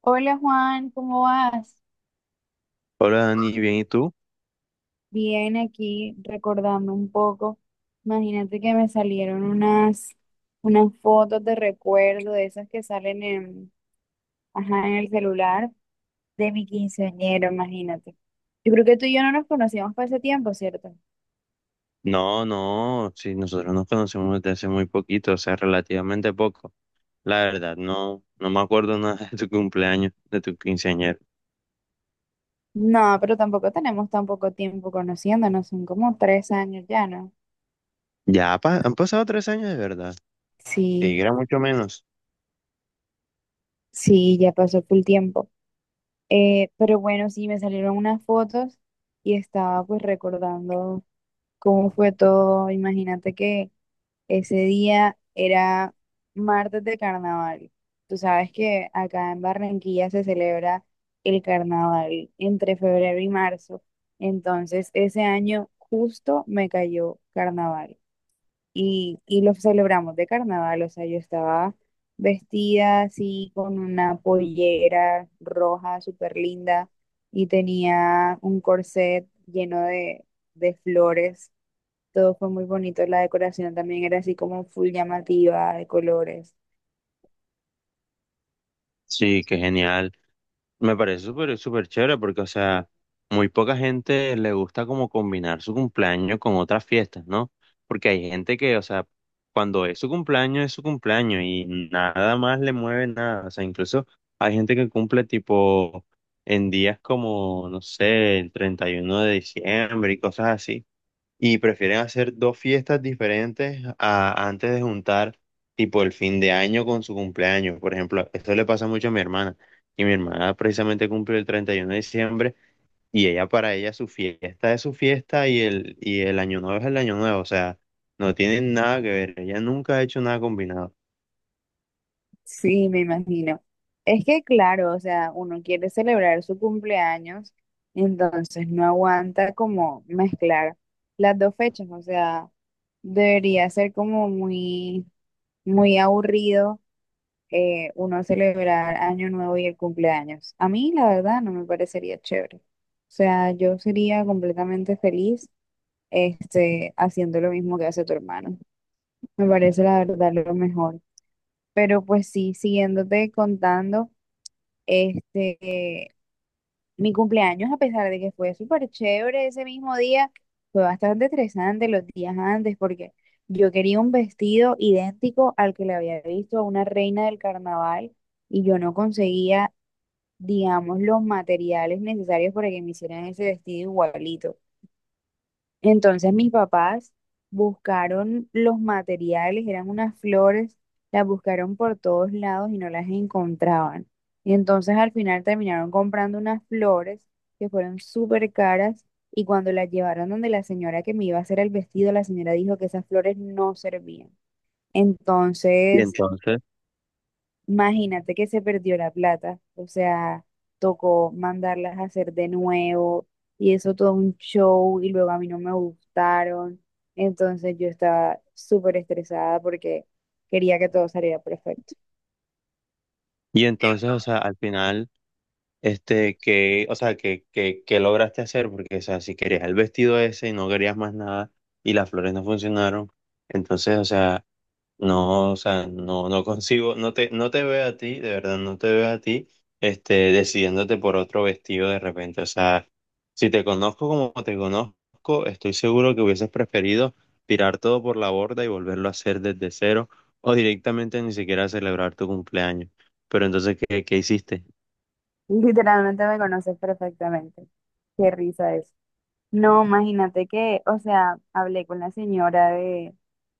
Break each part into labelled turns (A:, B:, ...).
A: Hola Juan, ¿cómo vas?
B: Hola Dani, ¿bien y tú?
A: Bien, aquí recordando un poco. Imagínate que me salieron unas fotos de recuerdo de esas que salen en, ajá, en el celular de mi quinceañero, imagínate. Yo creo que tú y yo no nos conocíamos por ese tiempo, ¿cierto?
B: No, no, sí, nosotros nos conocemos desde hace muy poquito, o sea, relativamente poco. La verdad, no, no me acuerdo nada de tu cumpleaños, de tu quinceañero.
A: No, pero tampoco tenemos tan poco tiempo conociéndonos, son como 3 años ya, ¿no?
B: Ya han pasado 3 años de verdad. Sí,
A: Sí,
B: era mucho menos.
A: sí, ya pasó full tiempo. Pero bueno, sí, me salieron unas fotos y estaba pues recordando cómo fue todo. Imagínate que ese día era martes de carnaval. Tú sabes que acá en Barranquilla se celebra el carnaval entre febrero y marzo. Entonces, ese año justo me cayó carnaval y lo celebramos de carnaval. O sea, yo estaba vestida así con una pollera roja súper linda y tenía un corset lleno de flores, todo fue muy bonito. La decoración también era así como full llamativa de colores.
B: Sí, qué genial. Me parece súper, súper chévere porque, o sea, muy poca gente le gusta como combinar su cumpleaños con otras fiestas, ¿no? Porque hay gente que, o sea, cuando es su cumpleaños y nada más le mueve nada. O sea, incluso hay gente que cumple tipo en días como, no sé, el 31 de diciembre y cosas así y prefieren hacer dos fiestas diferentes antes de juntar tipo el fin de año con su cumpleaños. Por ejemplo, esto le pasa mucho a mi hermana. Y mi hermana precisamente cumple el 31 de diciembre y ella para ella su fiesta es su fiesta y el año nuevo es el año nuevo. O sea, no tienen nada que ver. Ella nunca ha hecho nada combinado.
A: Sí, me imagino. Es que claro, o sea, uno quiere celebrar su cumpleaños, entonces no aguanta como mezclar las dos fechas. O sea, debería ser como muy, muy aburrido uno celebrar Año Nuevo y el cumpleaños. A mí, la verdad, no me parecería chévere. O sea, yo sería completamente feliz, haciendo lo mismo que hace tu hermano. Me parece la verdad lo mejor. Pero pues sí, siguiéndote contando, este, mi cumpleaños, a pesar de que fue súper chévere ese mismo día, fue bastante estresante los días antes porque yo quería un vestido idéntico al que le había visto a una reina del carnaval y yo no conseguía, digamos, los materiales necesarios para que me hicieran ese vestido igualito. Entonces mis papás buscaron los materiales, eran unas flores, las buscaron por todos lados y no las encontraban. Y entonces al final terminaron comprando unas flores que fueron súper caras, y cuando las llevaron donde la señora que me iba a hacer el vestido, la señora dijo que esas flores no servían.
B: Y
A: Entonces
B: entonces,
A: imagínate que se perdió la plata, o sea, tocó mandarlas a hacer de nuevo y eso todo un show y luego a mí no me gustaron. Entonces yo estaba súper estresada porque quería que todo saliera perfecto.
B: y entonces, o
A: Cierto.
B: sea, al final. O sea, que lograste hacer, porque, o sea, si querías el vestido ese y no querías más nada y las flores no funcionaron, entonces, o sea, no, no consigo, no te veo a ti, de verdad, no te veo a ti, decidiéndote por otro vestido de repente, o sea, si te conozco como te conozco, estoy seguro que hubieses preferido tirar todo por la borda y volverlo a hacer desde cero o directamente ni siquiera celebrar tu cumpleaños. Pero entonces, ¿qué hiciste?
A: Literalmente me conoces perfectamente. Qué risa eso. No, imagínate que, o sea, hablé con la señora de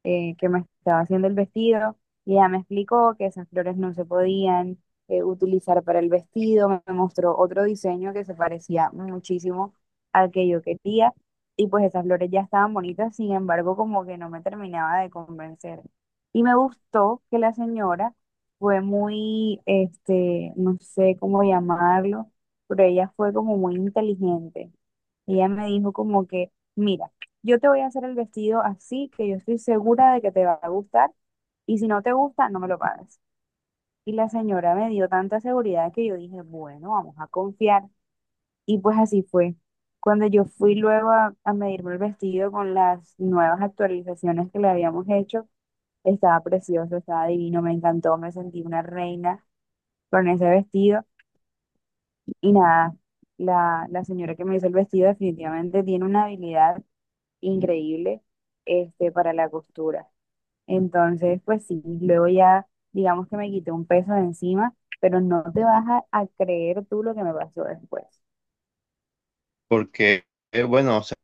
A: que me estaba haciendo el vestido y ella me explicó que esas flores no se podían utilizar para el vestido. Me mostró otro diseño que se parecía muchísimo al que yo quería y pues esas flores ya estaban bonitas, sin embargo, como que no me terminaba de convencer. Y me gustó que la señora fue muy, no sé cómo llamarlo, pero ella fue como muy inteligente y ella me dijo como que, mira, yo te voy a hacer el vestido así, que yo estoy segura de que te va a gustar, y si no te gusta, no me lo pagas. Y la señora me dio tanta seguridad que yo dije, bueno, vamos a confiar. Y pues así fue. Cuando yo fui luego a medirme el vestido con las nuevas actualizaciones que le habíamos hecho, estaba precioso, estaba divino, me encantó, me sentí una reina con ese vestido. Y nada, la señora que me hizo el vestido definitivamente tiene una habilidad increíble, para la costura. Entonces, pues sí, luego ya digamos que me quité un peso de encima, pero no te vas a creer tú lo que me pasó después.
B: Porque, bueno, o sea,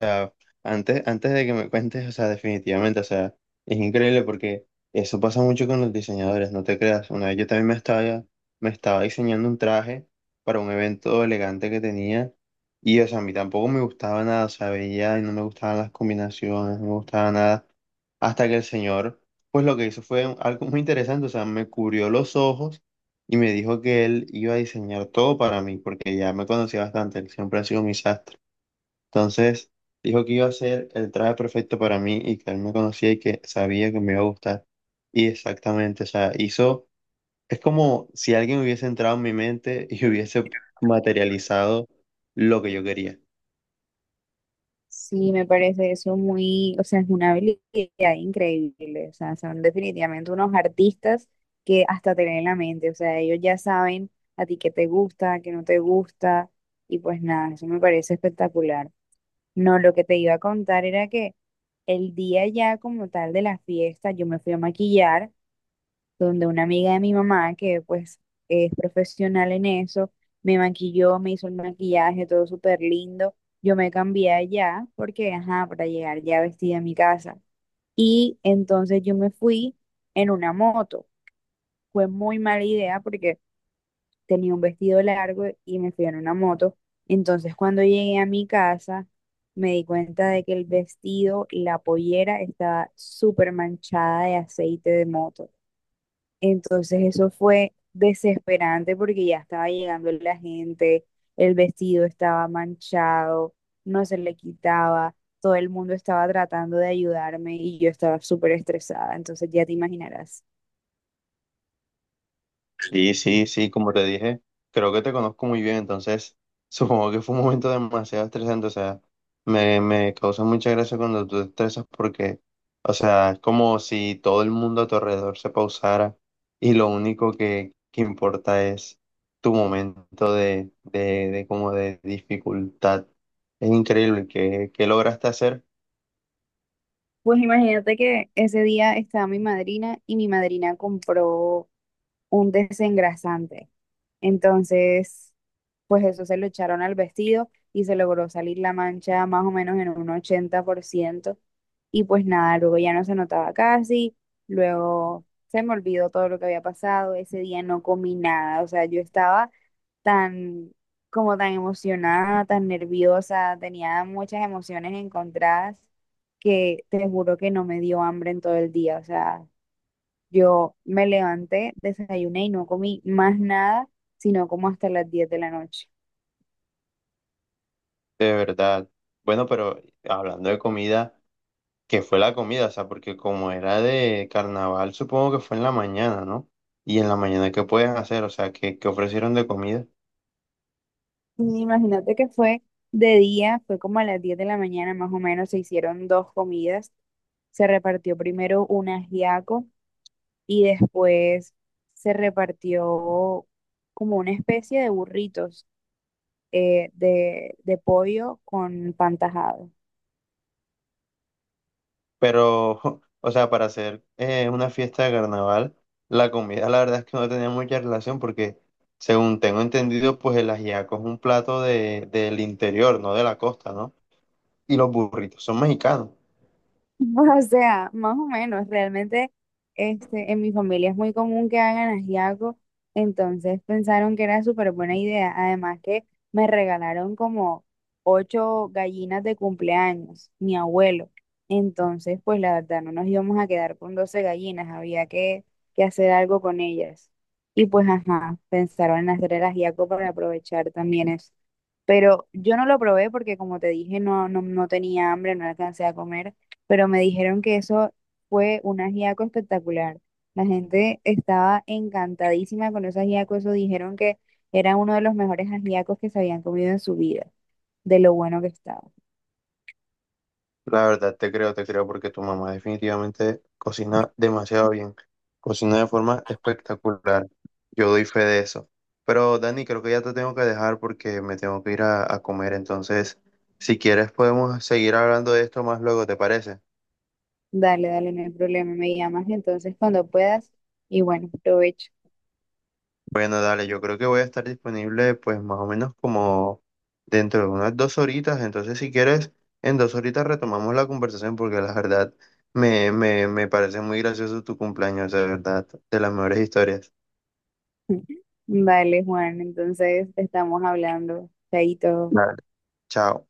B: sea, antes de que me cuentes, o sea, definitivamente, o sea, es increíble porque eso pasa mucho con los diseñadores, no te creas. Una vez yo también me estaba diseñando un traje para un evento elegante que tenía y, o sea, a mí tampoco me gustaba nada, o sea, veía y no me gustaban las combinaciones, no me gustaba nada, hasta que el señor, pues lo que hizo fue algo muy interesante, o sea, me cubrió los ojos y me dijo que él iba a diseñar todo para mí, porque ya me conocía bastante, él siempre ha sido mi sastre. Entonces dijo que iba a ser el traje perfecto para mí y que él me conocía y que sabía que me iba a gustar. Y exactamente, o sea, hizo, es como si alguien hubiese entrado en mi mente y hubiese materializado lo que yo quería.
A: Sí, me parece eso muy, o sea, es una habilidad increíble, o sea, son definitivamente unos artistas que hasta te leen la mente, o sea, ellos ya saben a ti qué te gusta, qué no te gusta, y pues nada, eso me parece espectacular. No, lo que te iba a contar era que el día ya como tal de la fiesta, yo me fui a maquillar donde una amiga de mi mamá, que pues es profesional en eso, me maquilló, me hizo el maquillaje, todo súper lindo. Yo me cambié allá porque, ajá, para llegar ya vestida a mi casa. Y entonces yo me fui en una moto. Fue muy mala idea porque tenía un vestido largo y me fui en una moto. Entonces, cuando llegué a mi casa, me di cuenta de que el vestido, la pollera, estaba súper manchada de aceite de moto. Entonces, eso fue desesperante porque ya estaba llegando la gente, el vestido estaba manchado, no se le quitaba, todo el mundo estaba tratando de ayudarme y yo estaba súper estresada. Entonces, ya te imaginarás.
B: Sí, sí, sí, como te dije, creo que te conozco muy bien, entonces supongo que fue un momento demasiado estresante, o sea, me causa mucha gracia cuando tú te estresas porque, o sea, es como si todo el mundo a tu alrededor se pausara y lo único que importa es tu momento de como de dificultad. Es increíble que lograste hacer
A: Pues imagínate que ese día estaba mi madrina y mi madrina compró un desengrasante. Entonces, pues eso se lo echaron al vestido y se logró salir la mancha más o menos en un 80%. Y pues nada, luego ya no se notaba casi, luego se me olvidó todo lo que había pasado, ese día no comí nada, o sea, yo estaba tan, como tan emocionada, tan nerviosa, tenía muchas emociones encontradas que te juro que no me dio hambre en todo el día. O sea, yo me levanté, desayuné y no comí más nada, sino como hasta las 10 de la noche.
B: de verdad. Bueno, pero hablando de comida. Que fue la comida? O sea, porque como era de carnaval, supongo que fue en la mañana, ¿no? Y en la mañana, ¿qué puedes hacer? O sea, ¿qué ofrecieron de comida?
A: Y imagínate que fue de día, fue como a las 10 de la mañana más o menos, se hicieron dos comidas. Se repartió primero un ajiaco y después se repartió como una especie de burritos, de pollo con pan tajado.
B: Pero, o sea, para hacer una fiesta de carnaval, la comida la verdad es que no tenía mucha relación porque, según tengo entendido, pues el ajiaco es un plato de, del interior, no de la costa, ¿no? Y los burritos son mexicanos.
A: O sea, más o menos, realmente, en mi familia es muy común que hagan ajiaco, entonces pensaron que era súper buena idea. Además que me regalaron como ocho gallinas de cumpleaños, mi abuelo. Entonces, pues la verdad, no nos íbamos a quedar con 12 gallinas, había que hacer algo con ellas. Y pues, ajá, pensaron en hacer el ajiaco para aprovechar también eso. Pero yo no lo probé porque, como te dije, no, no, no tenía hambre, no alcancé a comer, pero me dijeron que eso fue un ajiaco espectacular. La gente estaba encantadísima con ese ajiaco, eso dijeron que era uno de los mejores ajiacos que se habían comido en su vida, de lo bueno que estaba.
B: La verdad, te creo, porque tu mamá definitivamente cocina demasiado bien. Cocina de forma espectacular. Yo doy fe de eso. Pero Dani, creo que ya te tengo que dejar porque me tengo que ir a comer. Entonces, si quieres, podemos seguir hablando de esto más luego, ¿te parece?
A: Dale, dale, no hay problema, me llamas entonces cuando puedas y bueno, provecho.
B: Bueno, dale, yo creo que voy a estar disponible pues más o menos como dentro de unas 2 horitas, entonces si quieres, en 2 horitas retomamos la conversación porque la verdad me parece muy gracioso tu cumpleaños, de verdad, de las mejores historias.
A: Dale, Juan, entonces estamos hablando. Chaito.
B: Dale. Chao.